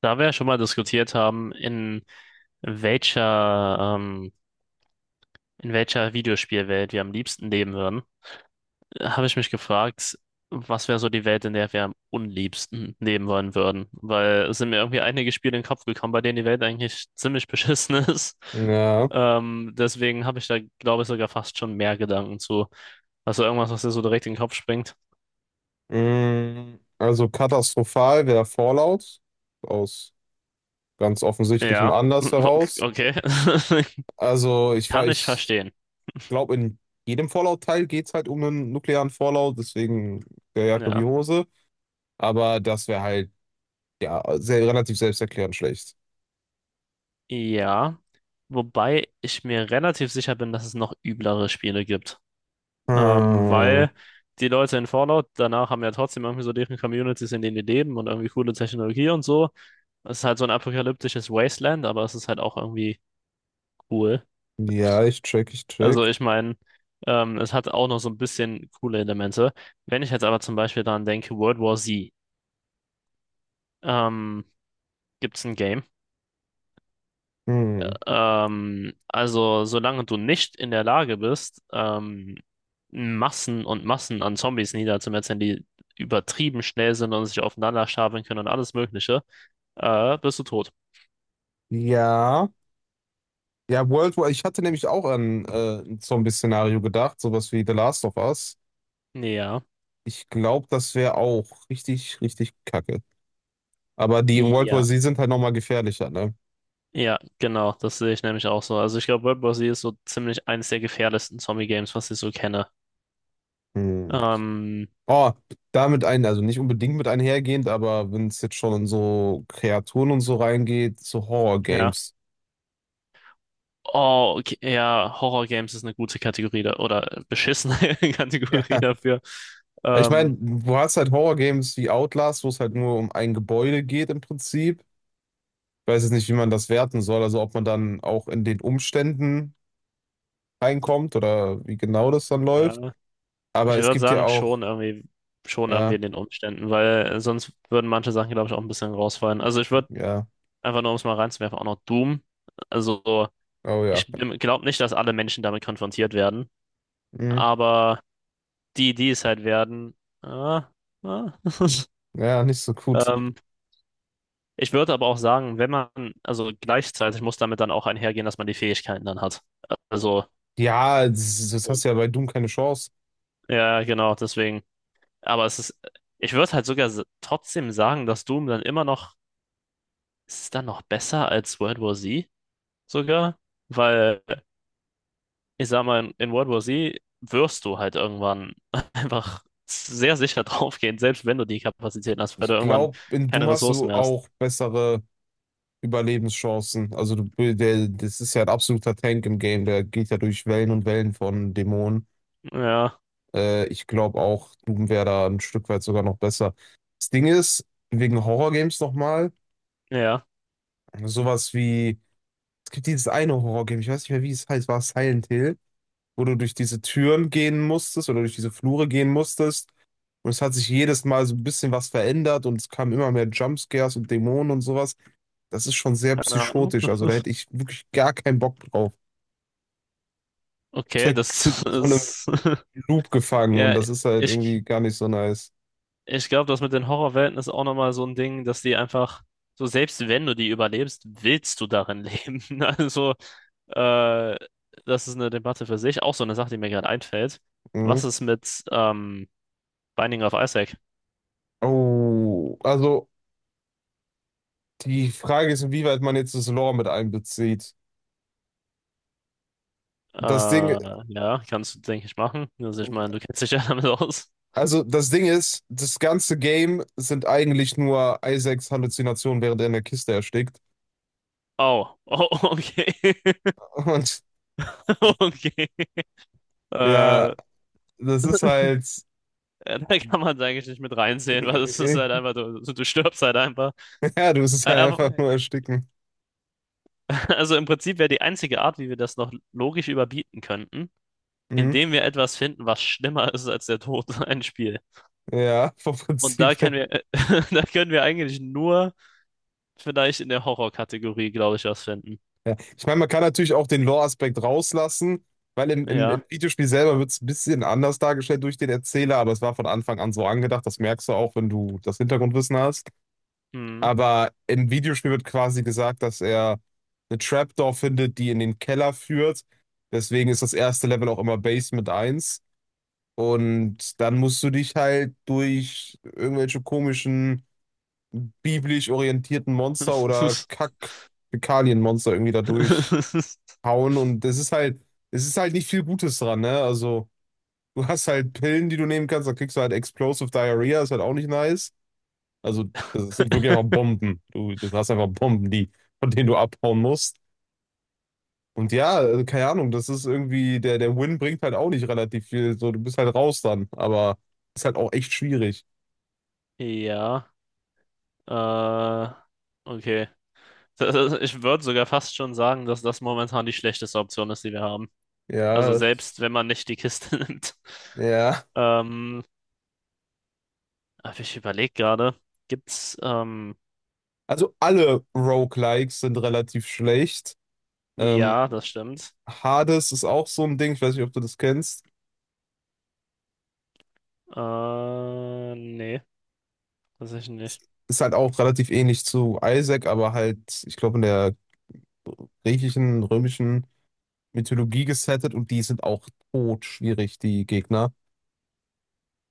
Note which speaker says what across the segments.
Speaker 1: Da wir ja schon mal diskutiert haben, welcher, ähm, in welcher Videospielwelt wir am liebsten leben würden, habe ich mich gefragt, was wäre so die Welt, in der wir am unliebsten leben wollen würden? Weil es sind mir irgendwie einige Spiele in den Kopf gekommen, bei denen die Welt eigentlich ziemlich beschissen ist.
Speaker 2: Ja,
Speaker 1: Deswegen habe ich da, glaube ich, sogar fast schon mehr Gedanken zu. Also irgendwas, was dir so direkt in den Kopf springt.
Speaker 2: also katastrophal wäre Fallout aus ganz offensichtlichem
Speaker 1: Ja,
Speaker 2: Anlass heraus.
Speaker 1: okay.
Speaker 2: Also
Speaker 1: Kann ich
Speaker 2: ich
Speaker 1: verstehen.
Speaker 2: glaube, in jedem Fallout-Teil geht es halt um einen nuklearen Fallout, deswegen der Jacke wie
Speaker 1: Ja.
Speaker 2: Hose. Aber das wäre halt ja sehr, relativ selbsterklärend schlecht.
Speaker 1: Ja. Wobei ich mir relativ sicher bin, dass es noch üblere Spiele gibt.
Speaker 2: Hm.
Speaker 1: Weil die Leute in Fallout danach haben ja trotzdem irgendwie so deren Communities, in denen die leben und irgendwie coole Technologie und so. Es ist halt so ein apokalyptisches Wasteland, aber es ist halt auch irgendwie cool.
Speaker 2: Ja, ich check, ich
Speaker 1: Also
Speaker 2: check.
Speaker 1: ich meine, es hat auch noch so ein bisschen coole Elemente. Wenn ich jetzt aber zum Beispiel daran denke, World War Z, ähm, gibt es ein Game.
Speaker 2: Hm.
Speaker 1: Also, solange du nicht in der Lage bist, Massen und Massen an Zombies niederzumetzeln, die übertrieben schnell sind und sich aufeinander stapeln können und alles Mögliche, bist du tot.
Speaker 2: Ja. Ja, World War, ich hatte nämlich auch an so ein Zombie-Szenario gedacht, sowas wie The Last of Us.
Speaker 1: Ja,
Speaker 2: Ich glaube, das wäre auch richtig, richtig kacke. Aber die in World
Speaker 1: ja,
Speaker 2: War Z sind halt nochmal gefährlicher, ne?
Speaker 1: ja, genau, das sehe ich nämlich auch so. Also, ich glaube, World War Z ist so ziemlich eines der gefährlichsten Zombie-Games, was ich so kenne.
Speaker 2: Hm.
Speaker 1: Ähm,
Speaker 2: Oh, also nicht unbedingt mit einhergehend, aber wenn es jetzt schon in so Kreaturen und so reingeht, so
Speaker 1: ja.
Speaker 2: Horror-Games.
Speaker 1: Oh, okay, ja, Horror-Games ist eine gute Kategorie da, oder beschissene Kategorie
Speaker 2: Ja.
Speaker 1: dafür.
Speaker 2: Ich meine,
Speaker 1: Ähm,
Speaker 2: du hast halt Horror-Games wie Outlast, wo es halt nur um ein Gebäude geht im Prinzip. Ich weiß jetzt nicht, wie man das werten soll, also ob man dann auch in den Umständen reinkommt oder wie genau das dann läuft.
Speaker 1: ja.
Speaker 2: Aber
Speaker 1: Ich
Speaker 2: es
Speaker 1: würde
Speaker 2: gibt ja
Speaker 1: sagen,
Speaker 2: auch,
Speaker 1: schon irgendwie
Speaker 2: ja,
Speaker 1: in den Umständen, weil sonst würden manche Sachen, glaube ich, auch ein bisschen rausfallen. Also ich würde
Speaker 2: ja,
Speaker 1: einfach nur, um es mal reinzuwerfen, auch noch Doom. Also so,
Speaker 2: oh
Speaker 1: ich
Speaker 2: ja.
Speaker 1: glaube nicht, dass alle Menschen damit konfrontiert werden,
Speaker 2: Hm.
Speaker 1: aber die, die es halt werden, ah, ah.
Speaker 2: Ja, nicht so gut.
Speaker 1: Ähm, Ich würde aber auch sagen, wenn man, also gleichzeitig muss damit dann auch einhergehen, dass man die Fähigkeiten dann hat. Also,
Speaker 2: Ja, das hast du ja bei Doom keine Chance.
Speaker 1: ja, genau, deswegen. Aber es ist, ich würde halt sogar trotzdem sagen, dass Doom dann immer noch ist es dann noch besser als World War Z sogar? Weil, ich sag mal, in World War Z wirst du halt irgendwann einfach sehr sicher draufgehen, selbst wenn du die Kapazitäten hast, weil du
Speaker 2: Ich
Speaker 1: irgendwann
Speaker 2: glaube, in Doom
Speaker 1: keine
Speaker 2: hast
Speaker 1: Ressourcen
Speaker 2: du
Speaker 1: mehr hast.
Speaker 2: auch bessere Überlebenschancen. Also das ist ja ein absoluter Tank im Game, der geht ja durch Wellen und Wellen von Dämonen.
Speaker 1: Ja,
Speaker 2: Ich glaube auch, Doom wäre da ein Stück weit sogar noch besser. Das Ding ist, wegen Horrorgames nochmal,
Speaker 1: ja,
Speaker 2: sowas wie, es gibt dieses eine Horrorgame, ich weiß nicht mehr, wie es heißt, war es Silent Hill? Wo du durch diese Türen gehen musstest oder durch diese Flure gehen musstest. Und es hat sich jedes Mal so ein bisschen was verändert und es kamen immer mehr Jumpscares und Dämonen und sowas. Das ist schon sehr
Speaker 1: keine Ahnung.
Speaker 2: psychotisch. Also da hätte ich wirklich gar keinen Bock drauf. Ist
Speaker 1: Okay,
Speaker 2: halt in so einem
Speaker 1: das ist,
Speaker 2: Loop gefangen und
Speaker 1: ja,
Speaker 2: das ist halt
Speaker 1: ich,
Speaker 2: irgendwie gar nicht so nice.
Speaker 1: ich glaube, das mit den Horrorwelten ist auch nochmal so ein Ding, dass die einfach, so selbst wenn du die überlebst, willst du darin leben. Also, Äh, das ist eine Debatte für sich. Auch so eine Sache, die mir gerade einfällt. Was
Speaker 2: Mhm.
Speaker 1: ist mit Binding of Isaac?
Speaker 2: Oh, also die Frage ist, inwieweit man jetzt das Lore mit einbezieht. Das Ding,
Speaker 1: Ja, kannst du, denke ich, machen. Also ich meine, du kennst dich ja damit aus.
Speaker 2: also das Ding ist, das ganze Game sind eigentlich nur Isaacs Halluzinationen, während er in der Kiste erstickt.
Speaker 1: Oh, oh, okay.
Speaker 2: Und
Speaker 1: Okay.
Speaker 2: ja,
Speaker 1: Da
Speaker 2: das ist halt,
Speaker 1: kann man es eigentlich nicht mit reinzählen, weil es ist
Speaker 2: äh,
Speaker 1: halt einfach, du stirbst halt einfach.
Speaker 2: ja, du wirst es halt einfach
Speaker 1: Aber-
Speaker 2: nur ersticken.
Speaker 1: also im Prinzip wäre die einzige Art, wie wir das noch logisch überbieten könnten,
Speaker 2: Mhm.
Speaker 1: indem wir etwas finden, was schlimmer ist als der Tod, ein Spiel.
Speaker 2: Ja, vom
Speaker 1: Und
Speaker 2: Prinzip her.
Speaker 1: da können wir eigentlich nur vielleicht in der Horror-Kategorie glaube ich, was finden.
Speaker 2: Ja. Ich meine, man kann natürlich auch den Lore-Aspekt rauslassen, weil im
Speaker 1: Ja.
Speaker 2: Videospiel selber wird es ein bisschen anders dargestellt durch den Erzähler, aber es war von Anfang an so angedacht, das merkst du auch, wenn du das Hintergrundwissen hast.
Speaker 1: Hm.
Speaker 2: Aber im Videospiel wird quasi gesagt, dass er eine Trapdoor findet, die in den Keller führt. Deswegen ist das erste Level auch immer Basement eins. Und dann musst du dich halt durch irgendwelche komischen, biblisch orientierten Monster oder kack Monster irgendwie da durchhauen. Und es ist halt nicht viel Gutes dran, ne? Also, du hast halt Pillen, die du nehmen kannst, dann kriegst du halt Explosive Diarrhea, ist halt auch nicht nice. Also, das sind wirklich einfach Bomben. Du hast einfach Bomben, die, von denen du abhauen musst. Und ja, also, keine Ahnung, das ist irgendwie, der Win bringt halt auch nicht relativ viel. So, du bist halt raus dann, aber ist halt auch echt schwierig.
Speaker 1: Ja. Äh, okay. Ich würde sogar fast schon sagen, dass das momentan die schlechteste Option ist, die wir haben.
Speaker 2: Ja,
Speaker 1: Also
Speaker 2: das
Speaker 1: selbst
Speaker 2: ist,
Speaker 1: wenn man nicht die Kiste nimmt.
Speaker 2: ja.
Speaker 1: Ähm, aber ich überlege gerade, gibt's, ähm,
Speaker 2: Also alle Roguelikes sind relativ schlecht. Ähm,
Speaker 1: ja, das stimmt.
Speaker 2: Hades ist auch so ein Ding, ich weiß nicht, ob du das kennst.
Speaker 1: Nee, tatsächlich
Speaker 2: Ist halt auch relativ ähnlich zu Isaac, aber halt, ich glaube, in der griechischen, römischen Mythologie gesettet und die sind auch tot schwierig die Gegner.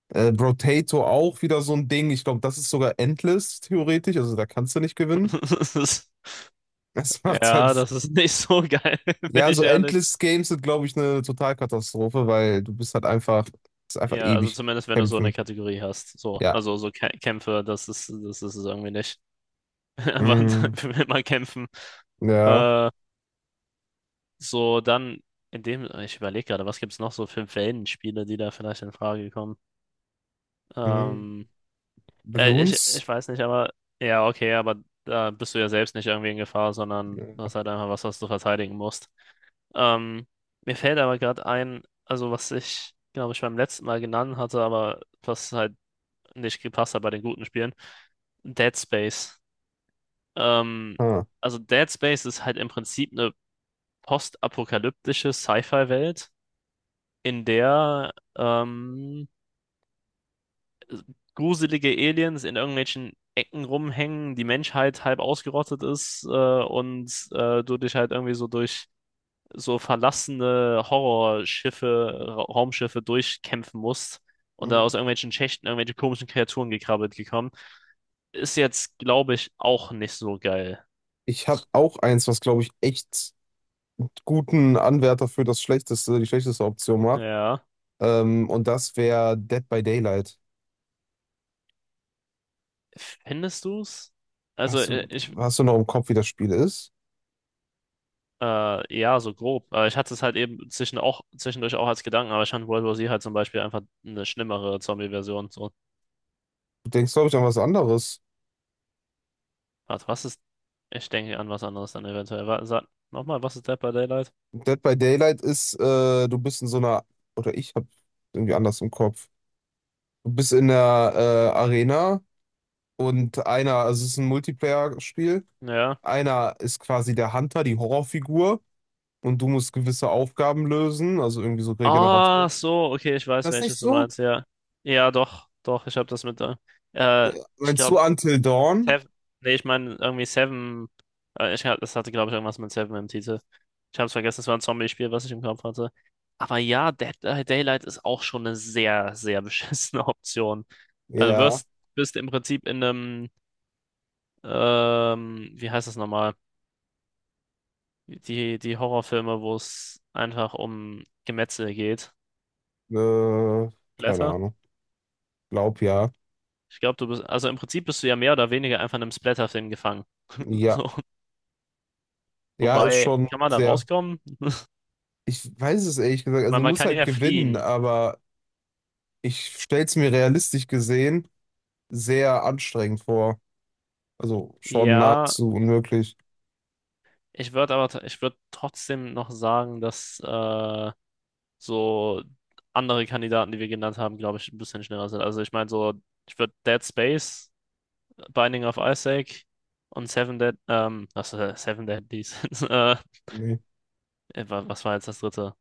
Speaker 2: Brotato auch wieder so ein Ding. Ich glaube, das ist sogar endless, theoretisch. Also da kannst du nicht gewinnen.
Speaker 1: nicht.
Speaker 2: Das macht halt
Speaker 1: Ja, das ist nicht so geil, bin
Speaker 2: ja,
Speaker 1: ich
Speaker 2: so
Speaker 1: ehrlich.
Speaker 2: Endless Games sind, glaube ich, eine Totalkatastrophe, weil du bist halt einfach, ist einfach
Speaker 1: Ja, also
Speaker 2: ewig
Speaker 1: zumindest wenn du so eine
Speaker 2: kämpfen.
Speaker 1: Kategorie hast. So,
Speaker 2: Ja.
Speaker 1: also so Kä Kämpfe, das ist es irgendwie nicht. Aber
Speaker 2: Mm,
Speaker 1: will man kämpfen.
Speaker 2: ja.
Speaker 1: Äh, so, dann in dem, ich überlege gerade, was gibt's noch so für Wellenspiele, die da vielleicht in Frage kommen?
Speaker 2: Mm,
Speaker 1: Ähm,
Speaker 2: Balloons?
Speaker 1: ich weiß nicht, aber ja, okay, aber da bist du ja selbst nicht irgendwie in Gefahr, sondern du
Speaker 2: Ja.
Speaker 1: hast halt einfach was, was du verteidigen musst. Ähm, Mir fällt aber gerade ein, also was ich, glaube ich, beim letzten Mal genannt hatte, aber was halt nicht gepasst hat bei den guten Spielen, Dead Space. Ähm,
Speaker 2: Ah.
Speaker 1: also Dead Space ist halt im Prinzip eine postapokalyptische Sci-Fi-Welt, in der gruselige Aliens in irgendwelchen Ecken rumhängen, die Menschheit halb ausgerottet ist und du dich halt irgendwie so durch so verlassene Horrorschiffe, Ra Raumschiffe durchkämpfen musst und da
Speaker 2: Mm.
Speaker 1: aus irgendwelchen Schächten irgendwelche komischen Kreaturen gekrabbelt gekommen, ist jetzt, glaube ich, auch nicht so geil.
Speaker 2: Ich habe auch eins, was, glaube ich, echt guten Anwärter für das schlechteste, die schlechteste Option macht.
Speaker 1: Ja.
Speaker 2: Und das wäre Dead by Daylight.
Speaker 1: Findest du's? Also,
Speaker 2: Weißt du, hast du noch im Kopf, wie das Spiel ist?
Speaker 1: ja, so grob. Aber ich hatte es halt zwischendurch auch als Gedanken, aber ich fand World War Z halt zum Beispiel einfach eine schlimmere Zombie-Version. So,
Speaker 2: Du denkst, glaube ich, an was anderes.
Speaker 1: warte, was ist. Ich denke an was anderes dann eventuell. Wa- Sag nochmal, was ist Dead by Daylight?
Speaker 2: Dead by Daylight ist, du bist in so einer, oder ich habe irgendwie anders im Kopf. Du bist in der Arena und also es ist ein Multiplayer-Spiel,
Speaker 1: Ja.
Speaker 2: einer ist quasi der Hunter, die Horrorfigur und du musst gewisse Aufgaben lösen, also irgendwie so
Speaker 1: Ah,
Speaker 2: Regeneration.
Speaker 1: so, okay, ich weiß,
Speaker 2: Das ist nicht
Speaker 1: welches du
Speaker 2: so?
Speaker 1: meinst, ja. Ja, doch, doch, ich habe das mit da. Äh, ich
Speaker 2: Meinst du
Speaker 1: glaube,
Speaker 2: Until Dawn?
Speaker 1: Seven, nee, ich meine irgendwie Seven, hab- das hatte, glaube ich, irgendwas mit Seven im Titel. Ich habe es vergessen, es war ein Zombie-Spiel, was ich im Kopf hatte. Aber ja, Dead by Daylight ist auch schon eine sehr, sehr beschissene Option. Also du
Speaker 2: Ja,
Speaker 1: wirst, bist im Prinzip in einem, wie heißt das nochmal? Die, die Horrorfilme, wo es einfach um Gemetzel geht.
Speaker 2: äh, keine Ahnung. Glaub ja.
Speaker 1: Ich glaube, also im Prinzip bist du ja mehr oder weniger einfach in einem Splatterfilm gefangen.
Speaker 2: Ja,
Speaker 1: So,
Speaker 2: ja, ist
Speaker 1: wobei,
Speaker 2: schon
Speaker 1: kann man da
Speaker 2: sehr.
Speaker 1: rauskommen?
Speaker 2: Ich weiß es ehrlich gesagt, also
Speaker 1: Weil
Speaker 2: du
Speaker 1: man
Speaker 2: musst
Speaker 1: kann
Speaker 2: halt
Speaker 1: ja
Speaker 2: gewinnen,
Speaker 1: fliehen.
Speaker 2: aber ich stell's mir realistisch gesehen sehr anstrengend vor. Also schon
Speaker 1: Ja,
Speaker 2: nahezu unmöglich.
Speaker 1: ich würde aber, ich würde trotzdem noch sagen, dass so andere Kandidaten, die wir genannt haben, glaube ich, ein bisschen schneller sind. Also ich meine so, ich würde Dead Space, Binding of Isaac und Seven Deadly äh, wa- was war jetzt das dritte?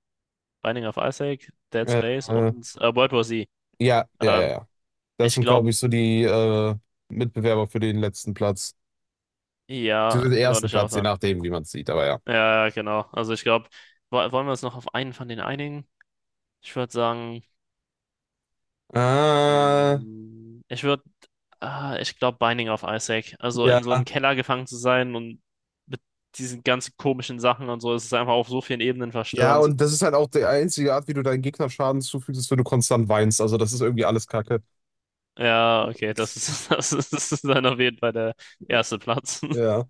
Speaker 1: Binding of Isaac, Dead
Speaker 2: Äh,
Speaker 1: Space
Speaker 2: äh,
Speaker 1: und World War Z.
Speaker 2: ja, ja, ja,
Speaker 1: Ähm,
Speaker 2: ja. Das
Speaker 1: ich
Speaker 2: sind, glaube
Speaker 1: glaube,
Speaker 2: ich, so die Mitbewerber für den letzten Platz.
Speaker 1: Ja,
Speaker 2: Beziehungsweise den
Speaker 1: würde
Speaker 2: ersten
Speaker 1: ich auch
Speaker 2: Platz, je
Speaker 1: sagen.
Speaker 2: nachdem, wie man es sieht, aber ja.
Speaker 1: Ja, ja, genau. Also ich glaube, wollen wir uns noch auf einen von den einigen? Ich würde sagen,
Speaker 2: Äh,
Speaker 1: mm, ah, ich glaube, Binding of Isaac. Also in so
Speaker 2: ja.
Speaker 1: einen Keller gefangen zu sein und mit diesen ganzen komischen Sachen und so, es ist einfach auf so vielen Ebenen
Speaker 2: Ja,
Speaker 1: verstörend.
Speaker 2: und das ist halt auch die einzige Art, wie du deinen Gegner Schaden zufügst, ist, wenn du konstant weinst. Also, das ist irgendwie alles Kacke.
Speaker 1: Ja, okay, das ist dann auf jeden Fall der erste Platz.
Speaker 2: Ja.